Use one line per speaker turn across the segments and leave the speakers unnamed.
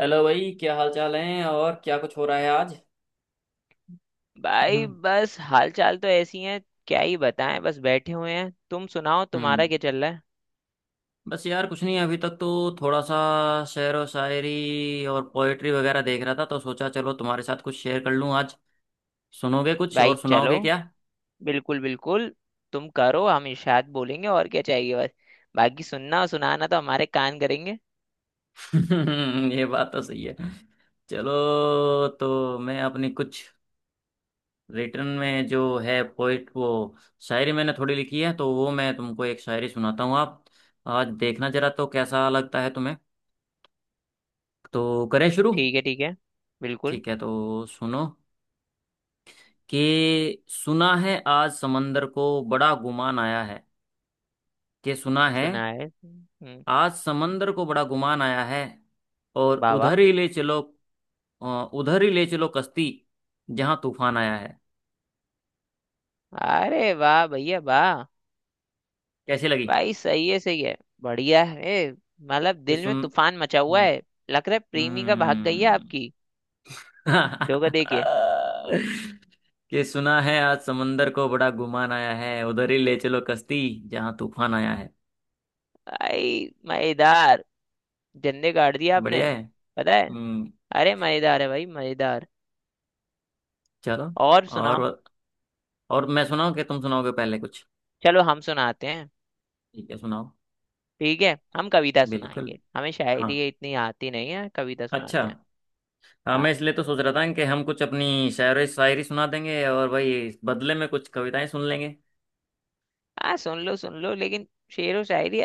Hello भाई, क्या हाल चाल है और क्या कुछ हो रहा है आज?
भाई
हम्म।
बस हाल चाल तो ऐसी है। क्या ही बताएं, बस बैठे हुए हैं। तुम सुनाओ, तुम्हारा
हम्म।
क्या चल रहा है?
बस यार कुछ नहीं अभी तक तो। थोड़ा सा शेर और शायरी और पोएट्री वगैरह देख रहा था तो सोचा चलो तुम्हारे साथ कुछ शेयर कर लूं आज। सुनोगे कुछ और
भाई चलो,
सुनाओगे क्या?
बिल्कुल बिल्कुल। तुम करो, हम इरशाद बोलेंगे, और क्या चाहिए बस। बाकी सुनना और सुनाना तो हमारे कान करेंगे।
ये बात तो सही है। चलो। तो मैं अपनी कुछ रिटर्न में जो है पोइट वो शायरी मैंने थोड़ी लिखी है तो वो मैं तुमको एक शायरी सुनाता हूँ। आप आज देखना जरा तो कैसा लगता है तुम्हें। तो करें शुरू?
ठीक है ठीक है, बिल्कुल।
ठीक है तो सुनो। कि सुना है आज समंदर को बड़ा गुमान आया है। कि सुना है
सुना है। हम्म।
आज समंदर को बड़ा गुमान आया है और
वाह
उधर
वाह।
ही ले चलो। अ, उधर ही ले चलो कश्ती जहां तूफान आया है।
अरे वाह भैया वाह।
कैसी लगी?
भाई सही है सही है, बढ़िया है। मतलब
ये
दिल
सुन।
में तूफान मचा हुआ
हम्म।
है। लग रहा है प्रेमी का भाग गई है
हम्म।
आपकी। डोगा देके।
कि सुना है आज समंदर को बड़ा गुमान आया है उधर ही ले चलो कश्ती जहां तूफान आया है।
भाई मजेदार, जंदे गाड़ दिया
बढ़िया
आपने,
है।
पता है।
हम्म।
अरे मजेदार है भाई, मजेदार।
चलो।
और
और
सुनाओ।
और मैं सुनाऊं कि तुम सुनाओगे पहले कुछ?
चलो हम सुनाते हैं।
ठीक है सुनाओ।
ठीक है, हम कविता
बिल्कुल।
सुनाएंगे। हमें
हाँ।
शायरी इतनी आती नहीं है, कविता
अच्छा।
सुनाते हैं।
हाँ
हाँ
मैं इसलिए तो सोच रहा था कि हम कुछ अपनी शायरी शायरी सुना देंगे और भाई इस बदले में कुछ कविताएं सुन लेंगे।
हाँ, सुन लो सुन लो, लेकिन शेर व शायरी।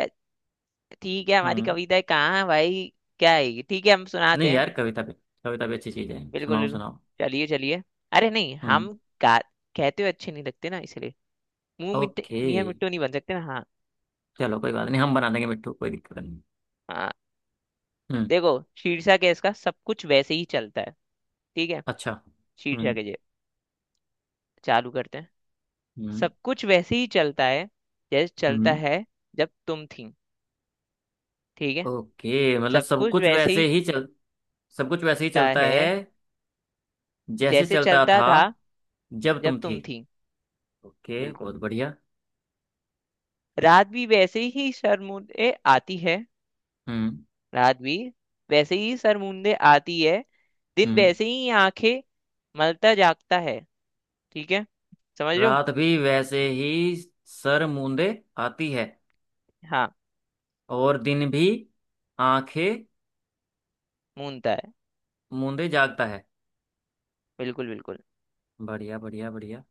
ठीक है, हमारी
हम्म।
कविताएं कहाँ है भाई? क्या आएगी, ठीक है, हम सुनाते
नहीं
हैं।
यार, कविता भी अच्छी चीज है,
बिल्कुल
सुनाओ
बिल्कुल,
सुनाओ।
चलिए चलिए। अरे नहीं, हम
हम्म।
गा कहते हुए अच्छे नहीं लगते ना, इसलिए मुंह मिट्टे
ओके।
मियाँ मिट्टू नहीं बन सकते ना। हाँ
चलो कोई बात नहीं, हम बना देंगे मिट्टू, कोई दिक्कत नहीं।
हाँ।
हम्म।
देखो, शीर्षक है इसका, सब कुछ वैसे ही चलता है। ठीक है,
अच्छा।
शीट
हम्म।
जगह चालू करते हैं।
हम्म।
सब कुछ वैसे ही चलता है जैसे चलता
हम्म।
है, जब तुम थी। ठीक है।
ओके मतलब
सब
सब
कुछ
कुछ
वैसे ही
वैसे ही
चलता
चल। सब कुछ वैसे ही चलता है
है
जैसे
जैसे
चलता
चलता
था
था,
जब
जब
तुम थी।
तुम थी।
ओके
बिल्कुल।
बहुत बढ़िया।
रात भी वैसे ही सरमुंदे आती है।
हम्म।
रात भी वैसे ही सरमुंदे आती है, दिन
हम्म।
वैसे ही आंखें मलता जागता है। ठीक है, समझ रहे हो?
रात भी वैसे ही सर मूंदे आती है
हाँ,
और दिन भी आंखें
मूंदता है।
मूंदे जागता है।
बिल्कुल बिल्कुल,
बढ़िया बढ़िया बढ़िया।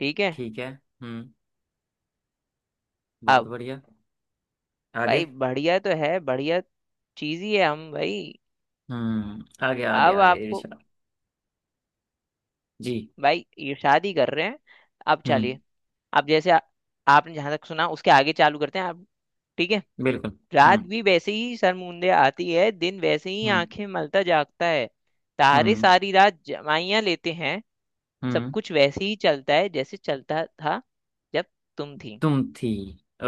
ठीक है।
ठीक है। हम्म। बहुत
अब
बढ़िया। आगे।
भाई, बढ़िया तो है, बढ़िया चीज ही है हम भाई।
हम्म। आगे आगे
अब
आगे
आपको
इरशाद। जी।
भाई, ये शादी कर रहे हैं। अब
हम्म।
चलिए, अब जैसे आपने जहां तक सुना उसके आगे चालू करते हैं आप। ठीक है।
बिल्कुल।
रात
हम्म।
भी वैसे ही सरमुंदे आती है, दिन वैसे ही
हम्म।
आंखें मलता जागता है। तारे
हम्म।
सारी रात जमाइयां लेते हैं। सब
हम्म।
कुछ वैसे ही चलता है जैसे चलता था, जब तुम थी।
तुम थी।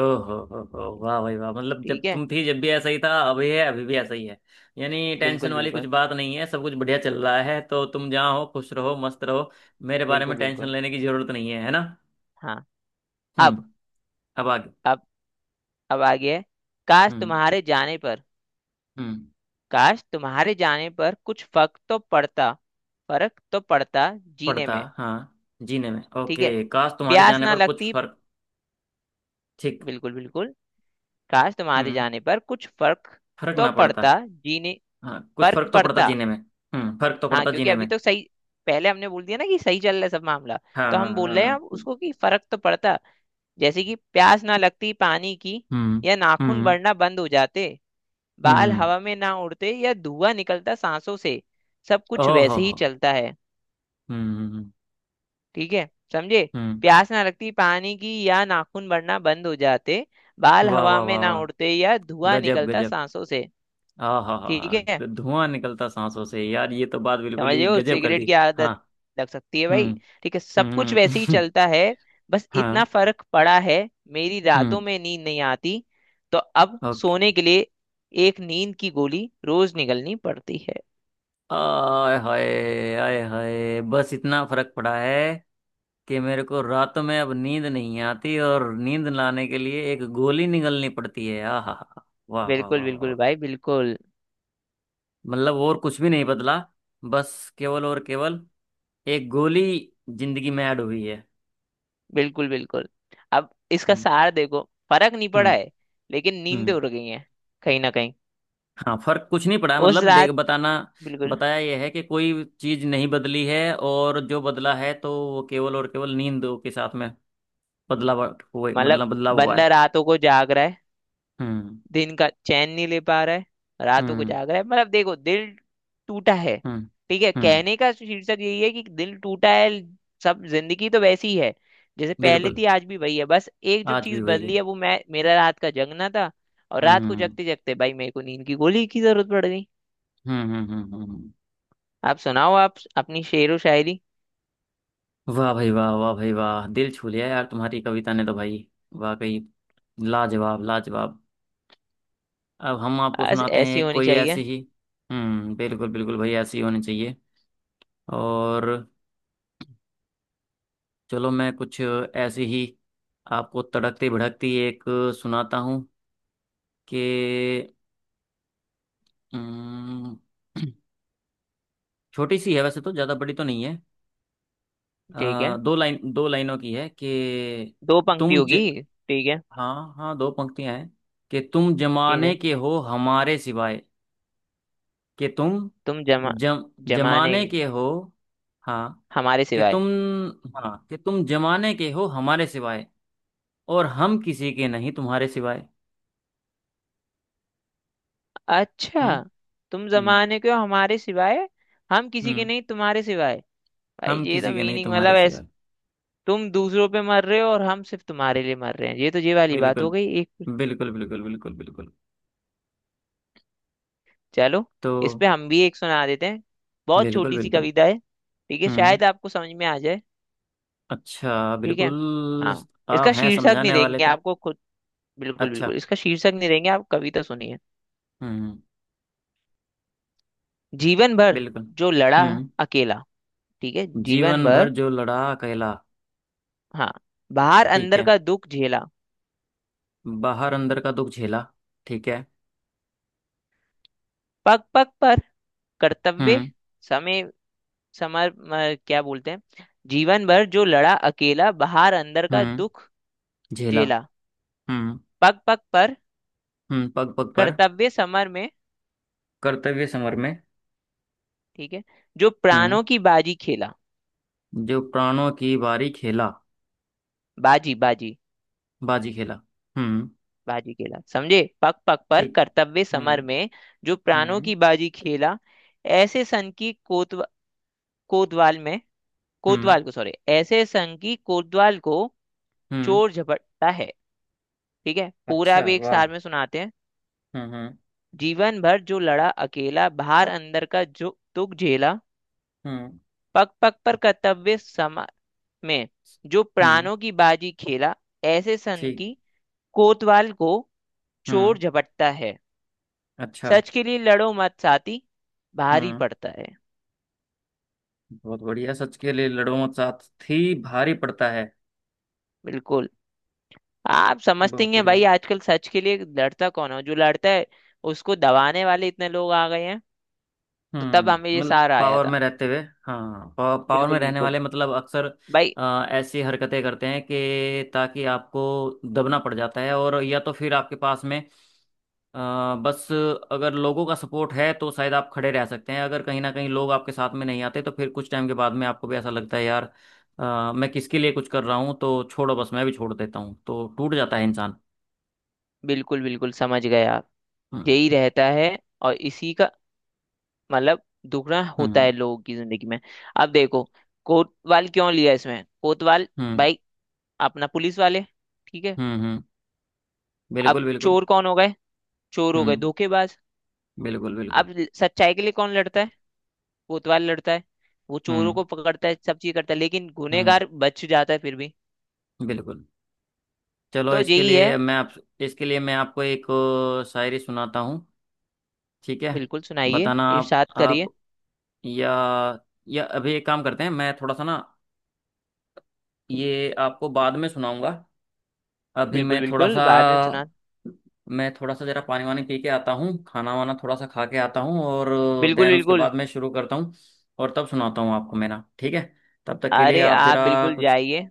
ओहो हो वाह भाई वाह, मतलब
ठीक
जब
है,
तुम थी जब भी ऐसा ही था, अभी है, अभी भी ऐसा ही है। यानी टेंशन
बिल्कुल
वाली कुछ
बिल्कुल,
बात नहीं है, सब कुछ बढ़िया चल रहा है, तो तुम जहाँ हो खुश रहो मस्त रहो। मेरे बारे में
बिल्कुल
टेंशन
बिल्कुल।
लेने की जरूरत नहीं है, है ना?
हाँ।
हम्म।
अब
अब आगे।
अब अब आ गया है। काश
हम्म।
तुम्हारे जाने पर,
हम्म।
काश तुम्हारे जाने पर कुछ फर्क तो पड़ता, फर्क तो पड़ता जीने
पड़ता
में।
हाँ। जीने में,
ठीक है,
ओके, काश तुम्हारे
प्यास
जाने
ना
पर कुछ
लगती।
फर्क। ठीक।
बिल्कुल बिल्कुल। काश तुम्हारे
हम्म।
जाने पर कुछ फर्क
फर्क
तो
ना पड़ता।
पड़ता जीने,
हाँ कुछ
फर्क
फर्क तो पड़ता
पड़ता।
जीने में। हम्म। फर्क तो
हाँ,
पड़ता
क्योंकि
जीने में।
अभी तो सही। पहले हमने बोल दिया ना कि सही चल रहा है सब मामला।
हाँ
तो
हाँ
हम बोल
हाँ
रहे हैं अब
हाँ।
उसको, कि फर्क तो पड़ता, जैसे कि प्यास ना लगती पानी की,
हम्म।
या नाखून
हम्म।
बढ़ना बंद हो जाते, बाल
हम्म।
हवा में ना उड़ते, या धुआं निकलता सांसों से, सब कुछ
ओहो
वैसे ही
हो।
चलता है।
हम्म। हम्म।
ठीक है, समझे?
हम्म।
प्यास ना लगती पानी की, या नाखून बढ़ना बंद हो जाते, बाल
वाह
हवा
वाह
में
वाह
ना
वाह।
उड़ते, या धुआं
गजब
निकलता
गजब।
सांसों से।
आ हा
ठीक है,
हा, धुआं निकलता सांसों से यार, ये तो बात बिल्कुल
समझ रहे
ही
हो?
गजब कर
सिगरेट
दी।
की
हाँ।
आदत लग सकती है भाई।
हम्म।
ठीक है, सब कुछ वैसे ही
हम्म।
चलता है, बस इतना
हाँ।
फर्क पड़ा है, मेरी रातों
हम्म।
में नींद नहीं आती, तो अब
ओके।
सोने के लिए एक नींद की गोली रोज निगलनी पड़ती है।
आय हाय। आय हाय बस इतना फर्क पड़ा है कि मेरे को रात में अब नींद नहीं आती और नींद लाने के लिए एक गोली निगलनी पड़ती है, आ हा हा। वाह वाह
बिल्कुल
वाह वाह
बिल्कुल
वाह।
भाई, बिल्कुल।
मतलब और कुछ भी नहीं बदला, बस केवल और केवल एक गोली जिंदगी में ऐड हुई है।
बिल्कुल बिल्कुल। अब इसका
हम्म।
सार देखो, फर्क नहीं पड़ा
हम्म।
है, लेकिन नींदें
हम्म।
उड़ गई हैं कहीं ना कहीं।
हाँ फर्क कुछ नहीं पड़ा
उस
मतलब, देख
रात,
बताना।
बिल्कुल।
बताया यह है कि कोई चीज नहीं बदली है और जो बदला है तो वो केवल और केवल नींद के साथ में बदलाव हुए, मतलब
मतलब
बदलाव हुआ
बंदा
है।
रातों को जाग रहा है,
हम्म।
दिन का चैन नहीं ले पा रहा है, रातों को
हम्म।
जाग रहा है। मतलब देखो, दिल टूटा है।
हम्म।
ठीक है,
हम्म।
कहने का शीर्षक यही है कि दिल टूटा है। सब जिंदगी तो वैसी ही है जैसे पहले
बिल्कुल।
थी, आज भी वही है। बस एक जो
आज भी
चीज
वही
बदली
है।
है वो मैं, मेरा रात का जगना था। और रात को
हम्म।
जगते जगते भाई मेरे को नींद की गोली की जरूरत पड़ गई।
हम्म। हम्म। हम्म। हम्म।
आप सुनाओ, आप अपनी शेरो शायरी।
वाह भाई वाह, वाह भाई वाह, दिल छू लिया यार तुम्हारी कविता ने तो भाई। वाकई, लाजवाब लाजवाब। अब हम आपको
बस
सुनाते हैं
ऐसी
एक
होनी
कोई ऐसी
चाहिए।
ही। हम्म। बिल्कुल बिल्कुल भाई, ऐसी ही होनी चाहिए। और चलो मैं कुछ ऐसी ही आपको तड़कती भड़कती एक सुनाता हूँ कि अम, छोटी सी है, वैसे तो ज़्यादा बड़ी तो नहीं है।
ठीक है,
दो लाइनों की है कि
दो पंक्ति
तुम ज
होगी। ठीक है
हाँ हाँ दो पंक्तियां हैं कि तुम
ठीक
जमाने
है।
के हो हमारे सिवाय। कि तुम
तुम जमा
जम
जमाने
जमाने के हो। हाँ।
हमारे
कि तुम।
सिवाय।
हाँ कि तुम जमाने के हो हमारे सिवाय और हम किसी के नहीं तुम्हारे सिवाय। हम्म।
अच्छा, तुम
हम्म।
जमाने के हो हमारे सिवाय, हम किसी के
हम्म।
नहीं तुम्हारे सिवाय। भाई
हम
ये तो
किसी के नहीं
मीनिंग,
तुम्हारे
मतलब
सिवा।
ऐस तुम दूसरों पे मर रहे हो और हम सिर्फ तुम्हारे लिए मर रहे हैं, ये तो ये वाली बात
बिल्कुल
हो गई एक।
बिल्कुल बिल्कुल बिल्कुल बिल्कुल।
चलो,
तो
इस पे हम भी एक सुना देते हैं, बहुत
बिल्कुल
छोटी सी
बिल्कुल।
कविता है। ठीक है,
हम्म।
शायद आपको समझ में आ जाए।
अच्छा।
ठीक है।
बिल्कुल।
हाँ,
आप
इसका
हैं
शीर्षक नहीं
समझाने वाले
देंगे
तो।
आपको खुद, बिल्कुल
अच्छा।
बिल्कुल। इसका शीर्षक नहीं देंगे, आप कविता सुनिए।
हम्म।
जीवन भर
बिल्कुल।
जो लड़ा
हम्म।
अकेला। ठीक है, जीवन
जीवन भर
भर।
जो लड़ा कहला।
हाँ। बाहर
ठीक
अंदर
है।
का दुख झेला।
बाहर अंदर का दुख झेला। ठीक है।
पग पग पर कर्तव्य
हम्म।
समय समर क्या बोलते हैं। जीवन भर जो लड़ा अकेला, बाहर अंदर का
हम्म।
दुख
झेला।
झेला,
हम्म।
पग पग पर
हम्म। पग पग पर
कर्तव्य समर में,
कर्तव्य समर में।
ठीक है, जो
हम्म।
प्राणों की बाजी खेला।
जो प्राणों की बारी खेला।
बाजी बाजी,
बाजी खेला। हम्म।
बाजी खेला समझे। पग पग पर
ठीक।
कर्तव्य
हम्म।
समर में, जो प्राणों
हम्म।
की बाजी खेला, ऐसे सन की कोतवाल में
हम्म।
कोतवाल को, सॉरी, ऐसे सन की कोतवाल को
हम्म।
चोर झपटता है। ठीक है, पूरा
अच्छा
भी एक
वाह।
सार में सुनाते हैं।
हम्म। हम्म।
जीवन भर जो लड़ा अकेला, बाहर अंदर का जो दुख झेला,
हम्म।
पग पग पर कर्तव्य समर में, जो
हम्म।
प्राणों की बाजी खेला, ऐसे सन
ठीक।
की कोतवाल को
हम्म।
चोर झपटता है।
अच्छा।
सच के लिए लड़ो मत साथी, भारी
हम्म।
पड़ता है।
बहुत बढ़िया, सच के लिए लड़ो मत साथ थी भारी पड़ता है।
बिल्कुल, आप समझते
बहुत
हैं भाई,
बढ़िया।
आजकल सच के लिए लड़ता कौन हो? जो लड़ता है, उसको दबाने वाले इतने लोग आ गए हैं। तो तब
हम्म।
हमें ये
मतलब
सहारा आया
पावर
था।
में रहते हुए। हाँ, पावर पावर में
बिल्कुल
रहने
बिल्कुल
वाले मतलब अक्सर
भाई,
ऐसी हरकतें करते हैं कि ताकि आपको दबना पड़ जाता है और या तो फिर आपके पास में अ, बस, अगर लोगों का सपोर्ट है तो शायद आप खड़े रह सकते हैं। अगर कहीं ना कहीं लोग आपके साथ में नहीं आते तो फिर कुछ टाइम के बाद में आपको भी ऐसा लगता है यार, मैं किसके लिए कुछ कर रहा हूँ, तो छोड़ो, बस मैं भी छोड़ देता हूँ, तो टूट जाता है इंसान।
बिल्कुल। बिल्कुल समझ गए आप,
हम्म।
यही रहता है, और इसी का मतलब दुगना होता
हम्म।
है लोगों की जिंदगी में। अब देखो, कोतवाल क्यों लिया इसमें, कोतवाल
हम्म।
भाई अपना पुलिस वाले। ठीक है,
हम्म। हम्म। बिल्कुल
अब
बिल्कुल।
चोर कौन हो गए? चोर हो गए
हम्म।
धोखेबाज।
बिल्कुल बिल्कुल।
अब सच्चाई के लिए कौन लड़ता है? कोतवाल लड़ता है, वो चोरों
हम्म।
को पकड़ता है, सब चीज करता है, लेकिन
हम्म।
गुनहगार बच जाता है फिर भी।
बिल्कुल। चलो
तो यही है।
इसके लिए मैं आपको एक शायरी सुनाता हूँ। ठीक है।
बिल्कुल, सुनाइए,
बताना आप
इरशाद
आप
करिए।
या या अभी एक काम करते हैं मैं थोड़ा सा ना, ये आपको बाद में सुनाऊंगा। अभी
बिल्कुल
मैं थोड़ा
बिल्कुल,
सा।
बाद में सुना।
मैं थोड़ा सा जरा पानी वानी पी के आता हूँ, खाना वाना थोड़ा सा खा के आता हूँ और
बिल्कुल
देन उसके
बिल्कुल।
बाद मैं शुरू करता हूँ और तब सुनाता हूँ आपको मेरा, ठीक है? तब तक के लिए
अरे
आप
आप
जरा
बिल्कुल
कुछ।
जाइए,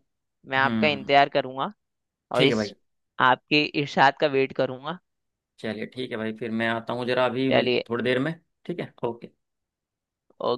मैं आपका
हम्म।
इंतजार करूंगा, और
ठीक है भाई।
इस आपके इरशाद का वेट करूंगा।
चलिए ठीक है भाई, फिर मैं आता हूँ जरा, अभी मिल
चलिए।
थोड़ी देर में। ठीक है। ओके।